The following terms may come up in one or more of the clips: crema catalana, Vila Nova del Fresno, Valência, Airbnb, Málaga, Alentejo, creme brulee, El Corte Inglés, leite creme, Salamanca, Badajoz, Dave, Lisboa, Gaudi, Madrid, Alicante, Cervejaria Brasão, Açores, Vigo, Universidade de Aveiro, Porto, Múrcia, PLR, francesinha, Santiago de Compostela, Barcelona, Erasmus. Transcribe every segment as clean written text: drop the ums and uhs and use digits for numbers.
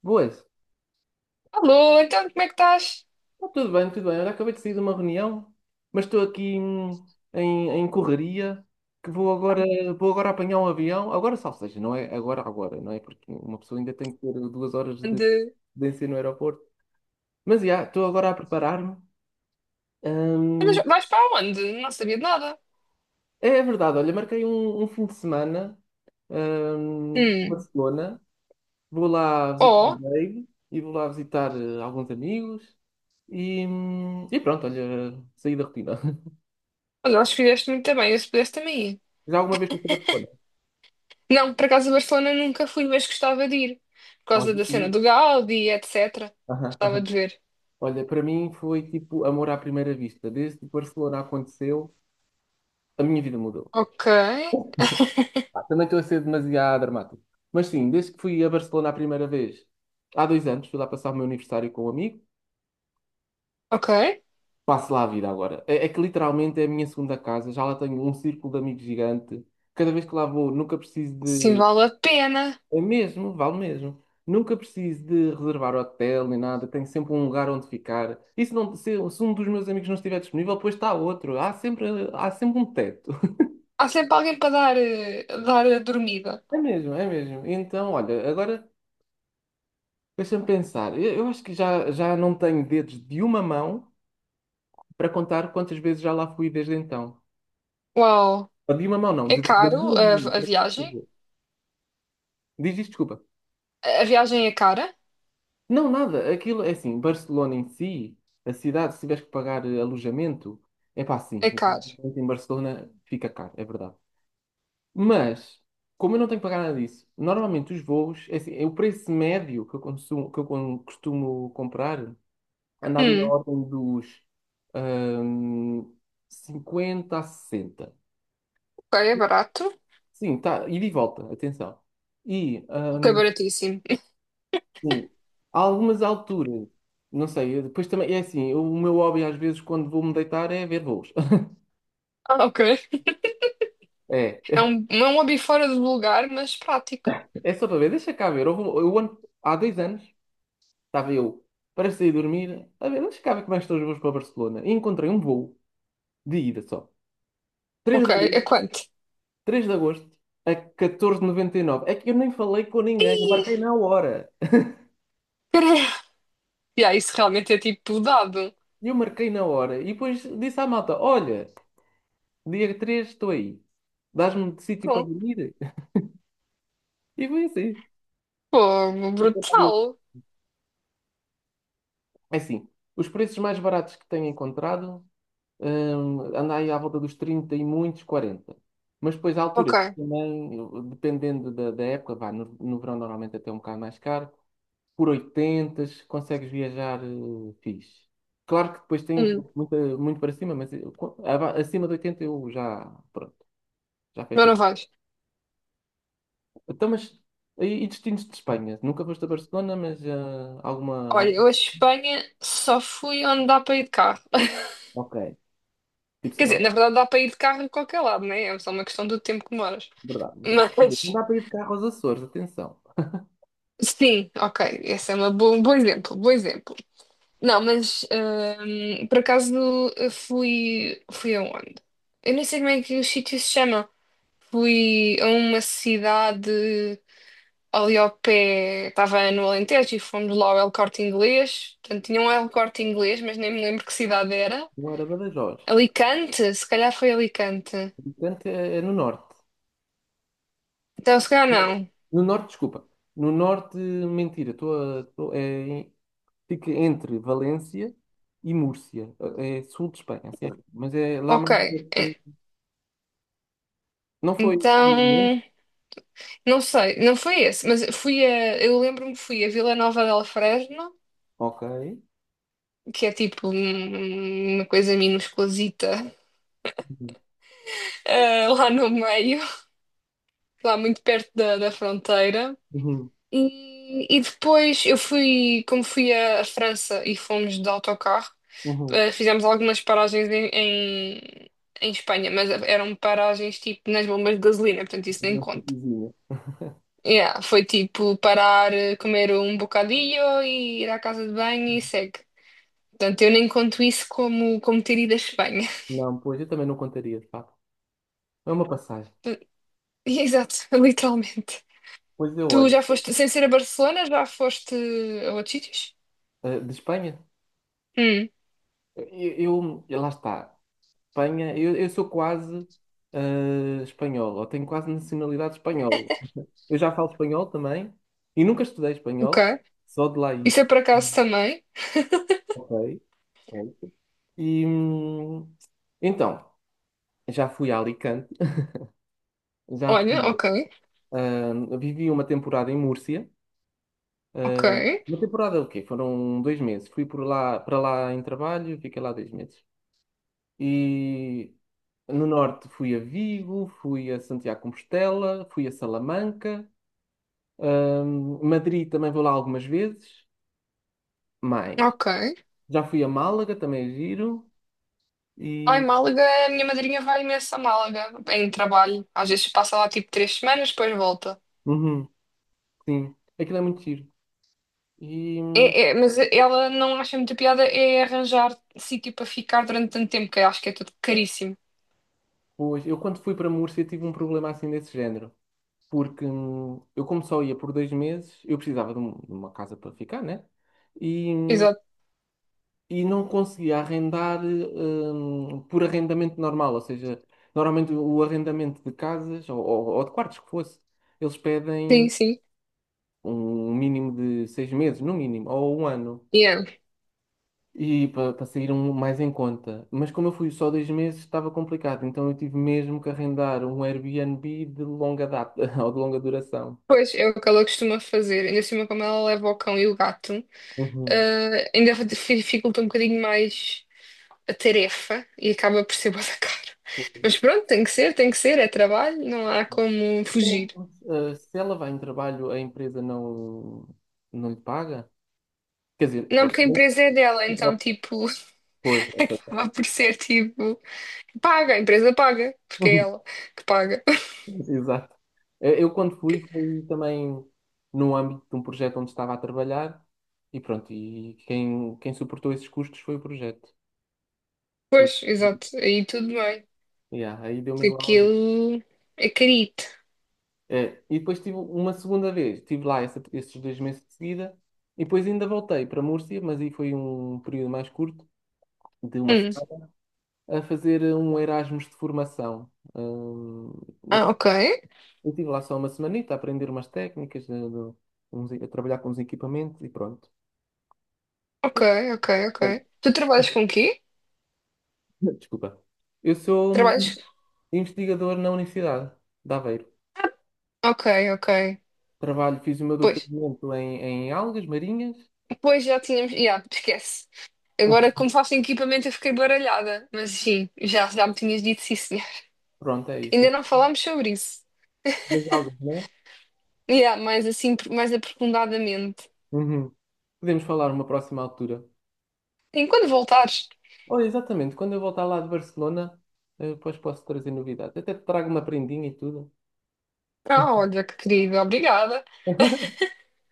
Boas. Alô, então como é que estás? Tá tudo bem, tudo bem. Olha, acabei de sair de uma reunião, mas estou aqui em correria, que vou agora apanhar um avião. Agora só, ou seja, não é agora, agora, não é? Porque uma pessoa ainda tem que ter 2 horas de Ande. distância no aeroporto. Mas, já, estou agora a preparar-me. Ah, mas Hum, vais para onde? Não sabia de nada. é verdade, olha, marquei um fim de semana, em Hum. Barcelona. Vou lá visitar o Oh, Dave e vou lá visitar alguns amigos. E pronto, olha, saí da rotina. olha, acho que fizeste muito bem, eu se pudesse também ir. Já alguma vez pensou para te... Olha, Não, por acaso a Barcelona nunca fui, mas gostava de ir. Por olha, causa da cena o- do Gaudi, etc. aham, Gostava aham. de ver. Olha, para mim foi tipo amor à primeira vista. Desde que Barcelona aconteceu, a minha vida mudou. Ok, Pá, também estou a ser demasiado dramático. Mas sim, desde que fui a Barcelona a primeira vez, há 2 anos, fui lá passar o meu aniversário com um amigo, ok. passo lá a vida agora. É que literalmente é a minha segunda casa, já lá tenho um círculo de amigos gigante. Cada vez que lá vou, nunca preciso Sim, de... vale a pena. É mesmo, vale mesmo. Nunca preciso de reservar hotel nem nada, tenho sempre um lugar onde ficar. E se, não, se um dos meus amigos não estiver disponível, depois está outro. Há sempre um teto. Há sempre alguém para dar, dar a dormida. É mesmo, é mesmo. Então, olha, agora deixa-me pensar. Eu acho que já não tenho dedos de uma mão para contar quantas vezes já lá fui desde então. Uau, Ou de uma mão, não, é das caro duas mãos. a viagem? Diz isto, desculpa. A viagem é cara? Não, nada. Aquilo é assim, Barcelona em si, a cidade, se tiveres que pagar alojamento, é pá, sim. É O caro. alojamento em Barcelona fica caro, é verdade. Mas, como eu não tenho que pagar nada disso, normalmente os voos, é assim, é o preço médio que eu consumo, costumo comprar, anda ali na Hum, ordem dos ahm, 50 a 60. ok, é barato. Sim, tá, ida e de volta, atenção. E Ok, baratíssimo. sim, há algumas alturas, não sei, eu depois também, é assim, o meu hobby às vezes quando vou-me deitar é ver voos. Ah, ok. É, É é um hobby fora do lugar, mas prático. é só para ver, deixa cá ver. Há 2 anos estava eu para sair dormir, a ver, deixa cá ver como é que estão os voos para Barcelona. E encontrei um voo de ida só. 3 de, Ok, é agosto- quanto? 3 de agosto a 14,99. É que eu nem falei com ninguém, eu Ih, marquei na hora. caralho. Yeah, isso realmente é tipo dado. Eu marquei na hora e depois disse à malta: Olha, dia 3 estou aí, dás-me de sítio para Bom, dormir? E foi assim. pô, brutal. É assim, os preços mais baratos que tenho encontrado, anda aí à volta dos 30 e muitos 40. Mas depois há Ok, alturas que também, dependendo da época, vá, no verão normalmente até é um bocado mais caro, por 80 consegues viajar fixe. Claro que depois tem hum, muita, muito para cima, acima de 80 eu já, pronto, já mas fecho os... não vais. Então, mas, e destinos de Espanha? Nunca foste a Barcelona, mas alguma, Olha, algum... eu a Espanha só fui onde dá para ir de carro. Ok. Tipo, Quer sei lá, dizer, na verdade dá para ir de carro em qualquer lado, né? É só uma questão do tempo que moras. verdade, verdade. Quer dizer, não Mas, dá para ir de carro aos Açores, atenção. sim, ok, esse é um bom exemplo, bom exemplo. Não, mas por acaso eu fui, fui aonde? Eu nem sei como é que o sítio se chama. Fui a uma cidade ali ao pé, estava no Alentejo e fomos lá ao El Corte Inglês. Portanto, tinha um El Corte Inglês, mas nem me lembro que cidade era. Não era Badajoz. Alicante? Se calhar foi Alicante. Portanto, é no norte. Então, se calhar não. No norte, desculpa. No norte, mentira. Estou a, é, fica entre Valência e Múrcia. É sul de Espanha, sim. Mas é lá Ok. mais Eh, perto. Não foi, ao Então, momento? não sei, não foi esse, mas fui a, eu lembro-me que fui a Vila Nova del Fresno, Ok. que é tipo uma coisa minusculazita, Uhum. Lá no meio, lá muito perto da fronteira. Uhum. E depois eu fui, como fui à França e fomos de autocarro, Uhum. Fizemos algumas paragens em Espanha, mas eram paragens tipo nas bombas de gasolina, portanto isso nem Uma conta. cidadezinha. Yeah, foi tipo parar, comer um bocadinho e ir à casa de banho e segue. Portanto, eu nem conto isso como, como ter ido à Espanha. Não, pois eu também não contaria, de facto. É uma passagem. Exato, literalmente. Pois eu Tu olho. já foste, sem ser a Barcelona, já foste a outros sítios? De Espanha, Hum, lá está. Espanha, eu sou quase espanhol, ou tenho quase nacionalidade espanhola. Eu já falo espanhol também e nunca estudei espanhol, ok. só de lá ir. Isso é por acaso Hum. também. Ok, pronto. E então, já fui a Alicante, já Olha, fui, ok, vivi uma temporada em Múrcia. ah, ok, uma temporada o quê? Foram 2 meses. Fui por lá, para lá em trabalho, fiquei lá 2 meses. E no norte fui a Vigo, fui a Santiago de Compostela, fui a Salamanca, Madrid também vou lá algumas vezes, mais. ok. Já fui a Málaga, também é giro, Lá em e Málaga, a minha madrinha vai imenso a Málaga em trabalho. Às vezes passa lá tipo três semanas, depois volta. uhum, sim, aquilo é muito giro. E É, é, mas ela não acha muita piada é arranjar sítio para ficar durante tanto tempo, que eu acho que é tudo caríssimo. pois, eu quando fui para Múrcia tive um problema assim desse género, porque eu como só ia por 2 meses, eu precisava de uma casa para ficar, né? E, hum, Exato, e não conseguia arrendar por arrendamento normal, ou seja, normalmente o arrendamento de casas ou de quartos que fosse, eles sim, pedem sim. um mínimo de 6 meses, no mínimo, ou um ano, Yeah. e para sair um mais em conta. Mas como eu fui só 2 meses, estava complicado, então eu tive mesmo que arrendar um Airbnb de longa data ou de longa duração. Pois é o que ela costuma fazer. Ainda assim, como ela leva o cão e o gato, Uhum. Ainda dificulta um bocadinho mais a tarefa e acaba por ser bué da caro. Mas pronto, tem que ser, é trabalho, não há como fugir. Se ela vai em trabalho, a empresa não, não lhe paga? Quer dizer, Não, ó, porque a empresa é dela, então, tipo, foi. acaba por ser, tipo, paga, a empresa paga, porque é ela que paga. Exato. Eu quando fui também no âmbito de um projeto onde estava a trabalhar e pronto, e quem suportou esses custos foi o projeto. Por- Pois, exato, aí tudo bem, Yeah, aí deu-me porque igual. aquilo é carito. É, e depois tive uma segunda vez, esses 2 meses de seguida e depois ainda voltei para Múrcia, mas aí foi um período mais curto, de uma Hum. semana, a fazer um Erasmus de formação. Ah, ok, Eu estive lá só uma semanita a aprender umas técnicas, a trabalhar com uns equipamentos e pronto. ok, ok, ok. Oh, Tu trabalhas com o quê? desculpa. Eu sou Trabalhas... investigador na Universidade de Aveiro. Ok, ok. Trabalho, fiz o meu Pois, doutoramento em algas marinhas. pois já tínhamos... Já, esquece. Agora, como faço equipamento, eu fiquei baralhada, mas sim, já, já me tinhas dito sim, senhor. Pronto, é isso. Ainda não falámos sobre isso. Das algas, não é? Yeah, mais assim, mais aprofundadamente. Uhum. Podemos falar numa próxima altura. Sim, quando voltares. Olha, exatamente, quando eu voltar lá de Barcelona, depois posso trazer novidades. Até te trago uma prendinha e tudo. Ah, olha, que querida, obrigada.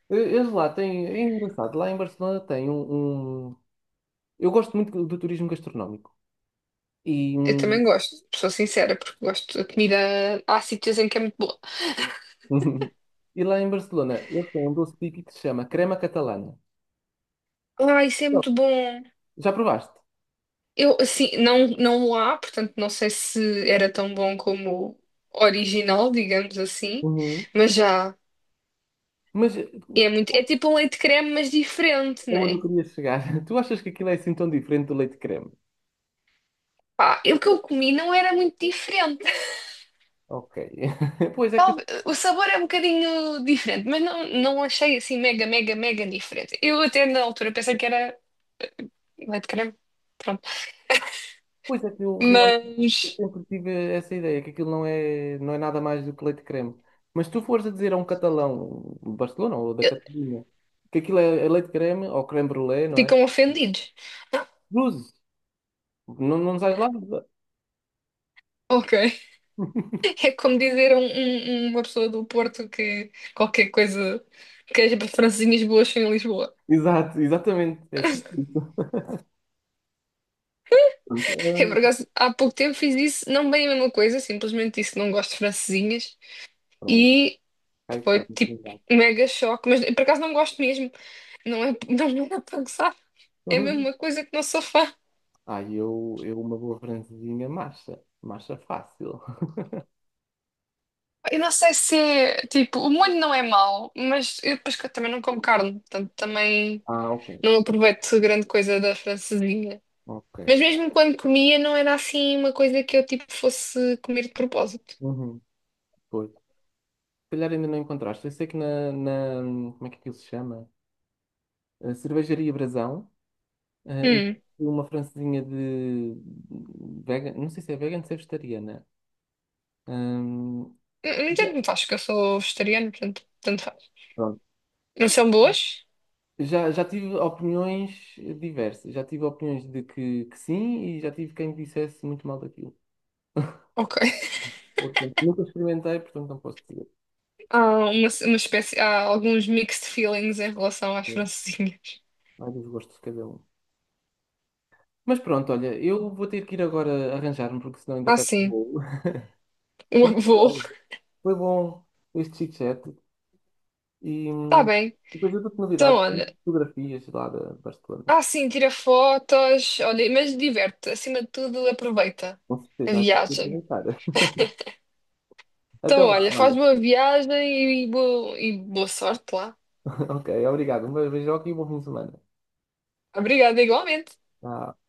Eles lá têm, é engraçado, lá em Barcelona eu gosto muito do turismo gastronómico. E, Eu também gosto, sou sincera, porque gosto da comida. Há sítios em que é muito boa. e lá em Barcelona, eles têm um doce típico que se chama crema catalana. Ah, isso é Não. muito bom. Já provaste? Eu, assim, não, não há, portanto, não sei se era tão bom como o original, digamos assim, Uhum. mas já. Mas É muito, é tipo um leite creme, mas diferente, aonde eu né? queria chegar? Tu achas que aquilo é assim tão diferente do leite creme? Pá, o que eu comi não era muito diferente. Ok. Pois é que, O sabor é um bocadinho diferente, mas não, não achei assim mega, mega, mega diferente. Eu até na altura pensei que era leite de creme, pronto. pois é que eu realmente Mas sempre tive essa ideia, que aquilo não é nada mais do que leite creme. Mas se tu fores a dizer a um catalão de Barcelona ou da eh, Catalunha que aquilo é leite creme ou creme brulee, não é? ficam ofendidos. Ah, Cruzes. Não, não sais lá. ok. É como dizer a uma pessoa do Porto que qualquer coisa, que as francesinhas boas são em Lisboa. Exato, exatamente. É tipo isso. Pronto, Eu, por acaso, há pouco tempo fiz isso, não bem a mesma coisa, simplesmente disse que não gosto de francesinhas pronto. e Aí foi está muito tipo obrigado. um mega choque. Mas por acaso não gosto mesmo, não é, não é para gozar, é a mesma coisa que não sou fã. Aí eu uma boa francesinha, massa massa fácil. Eu não sei se é, tipo, o molho não é mau, mas eu depois que eu também não como carne, portanto também. Ah, ok. Não aproveito grande coisa da francesinha. Ok. Mas mesmo quando comia, não era assim uma coisa que eu tipo fosse comer de propósito. Uhum. Pois. Se calhar ainda não encontraste. Eu sei que como é que aquilo se chama? A Cervejaria Brasão. Hum. E uma francesinha de vegan. Não sei se é vegan, ou se é vegetariana. Hum, Não tanto me faz, que eu sou vegetariana, portanto, tanto faz. Pronto. Não são boas? Já tive opiniões diversas. Já tive opiniões de que sim e já tive quem dissesse muito mal daquilo. Ok. Portanto, nunca experimentei, portanto não posso dizer. Há uma espécie, há alguns mixed feelings em relação às É, francesinhas. há dos gostos de cada um. Mas pronto, olha, eu vou ter que ir agora arranjar-me, porque senão ainda Ah, perco o sim. voo. O avô. Olha, foi bom este chit-chat e Tá bem. depois eu dou-te Então, novidades, olha. fotografias lá da Barcelona. Ah, sim, tira fotos. Olha, mas diverte-te. Acima de tudo, aproveita Com certeza, a vai viagem. aproveitar. Então, Então vá, olha, faz olha. boa viagem e boa sorte lá. Ok, obrigado. Um beijo e um bom fim de semana. Obrigada, igualmente. Tchau.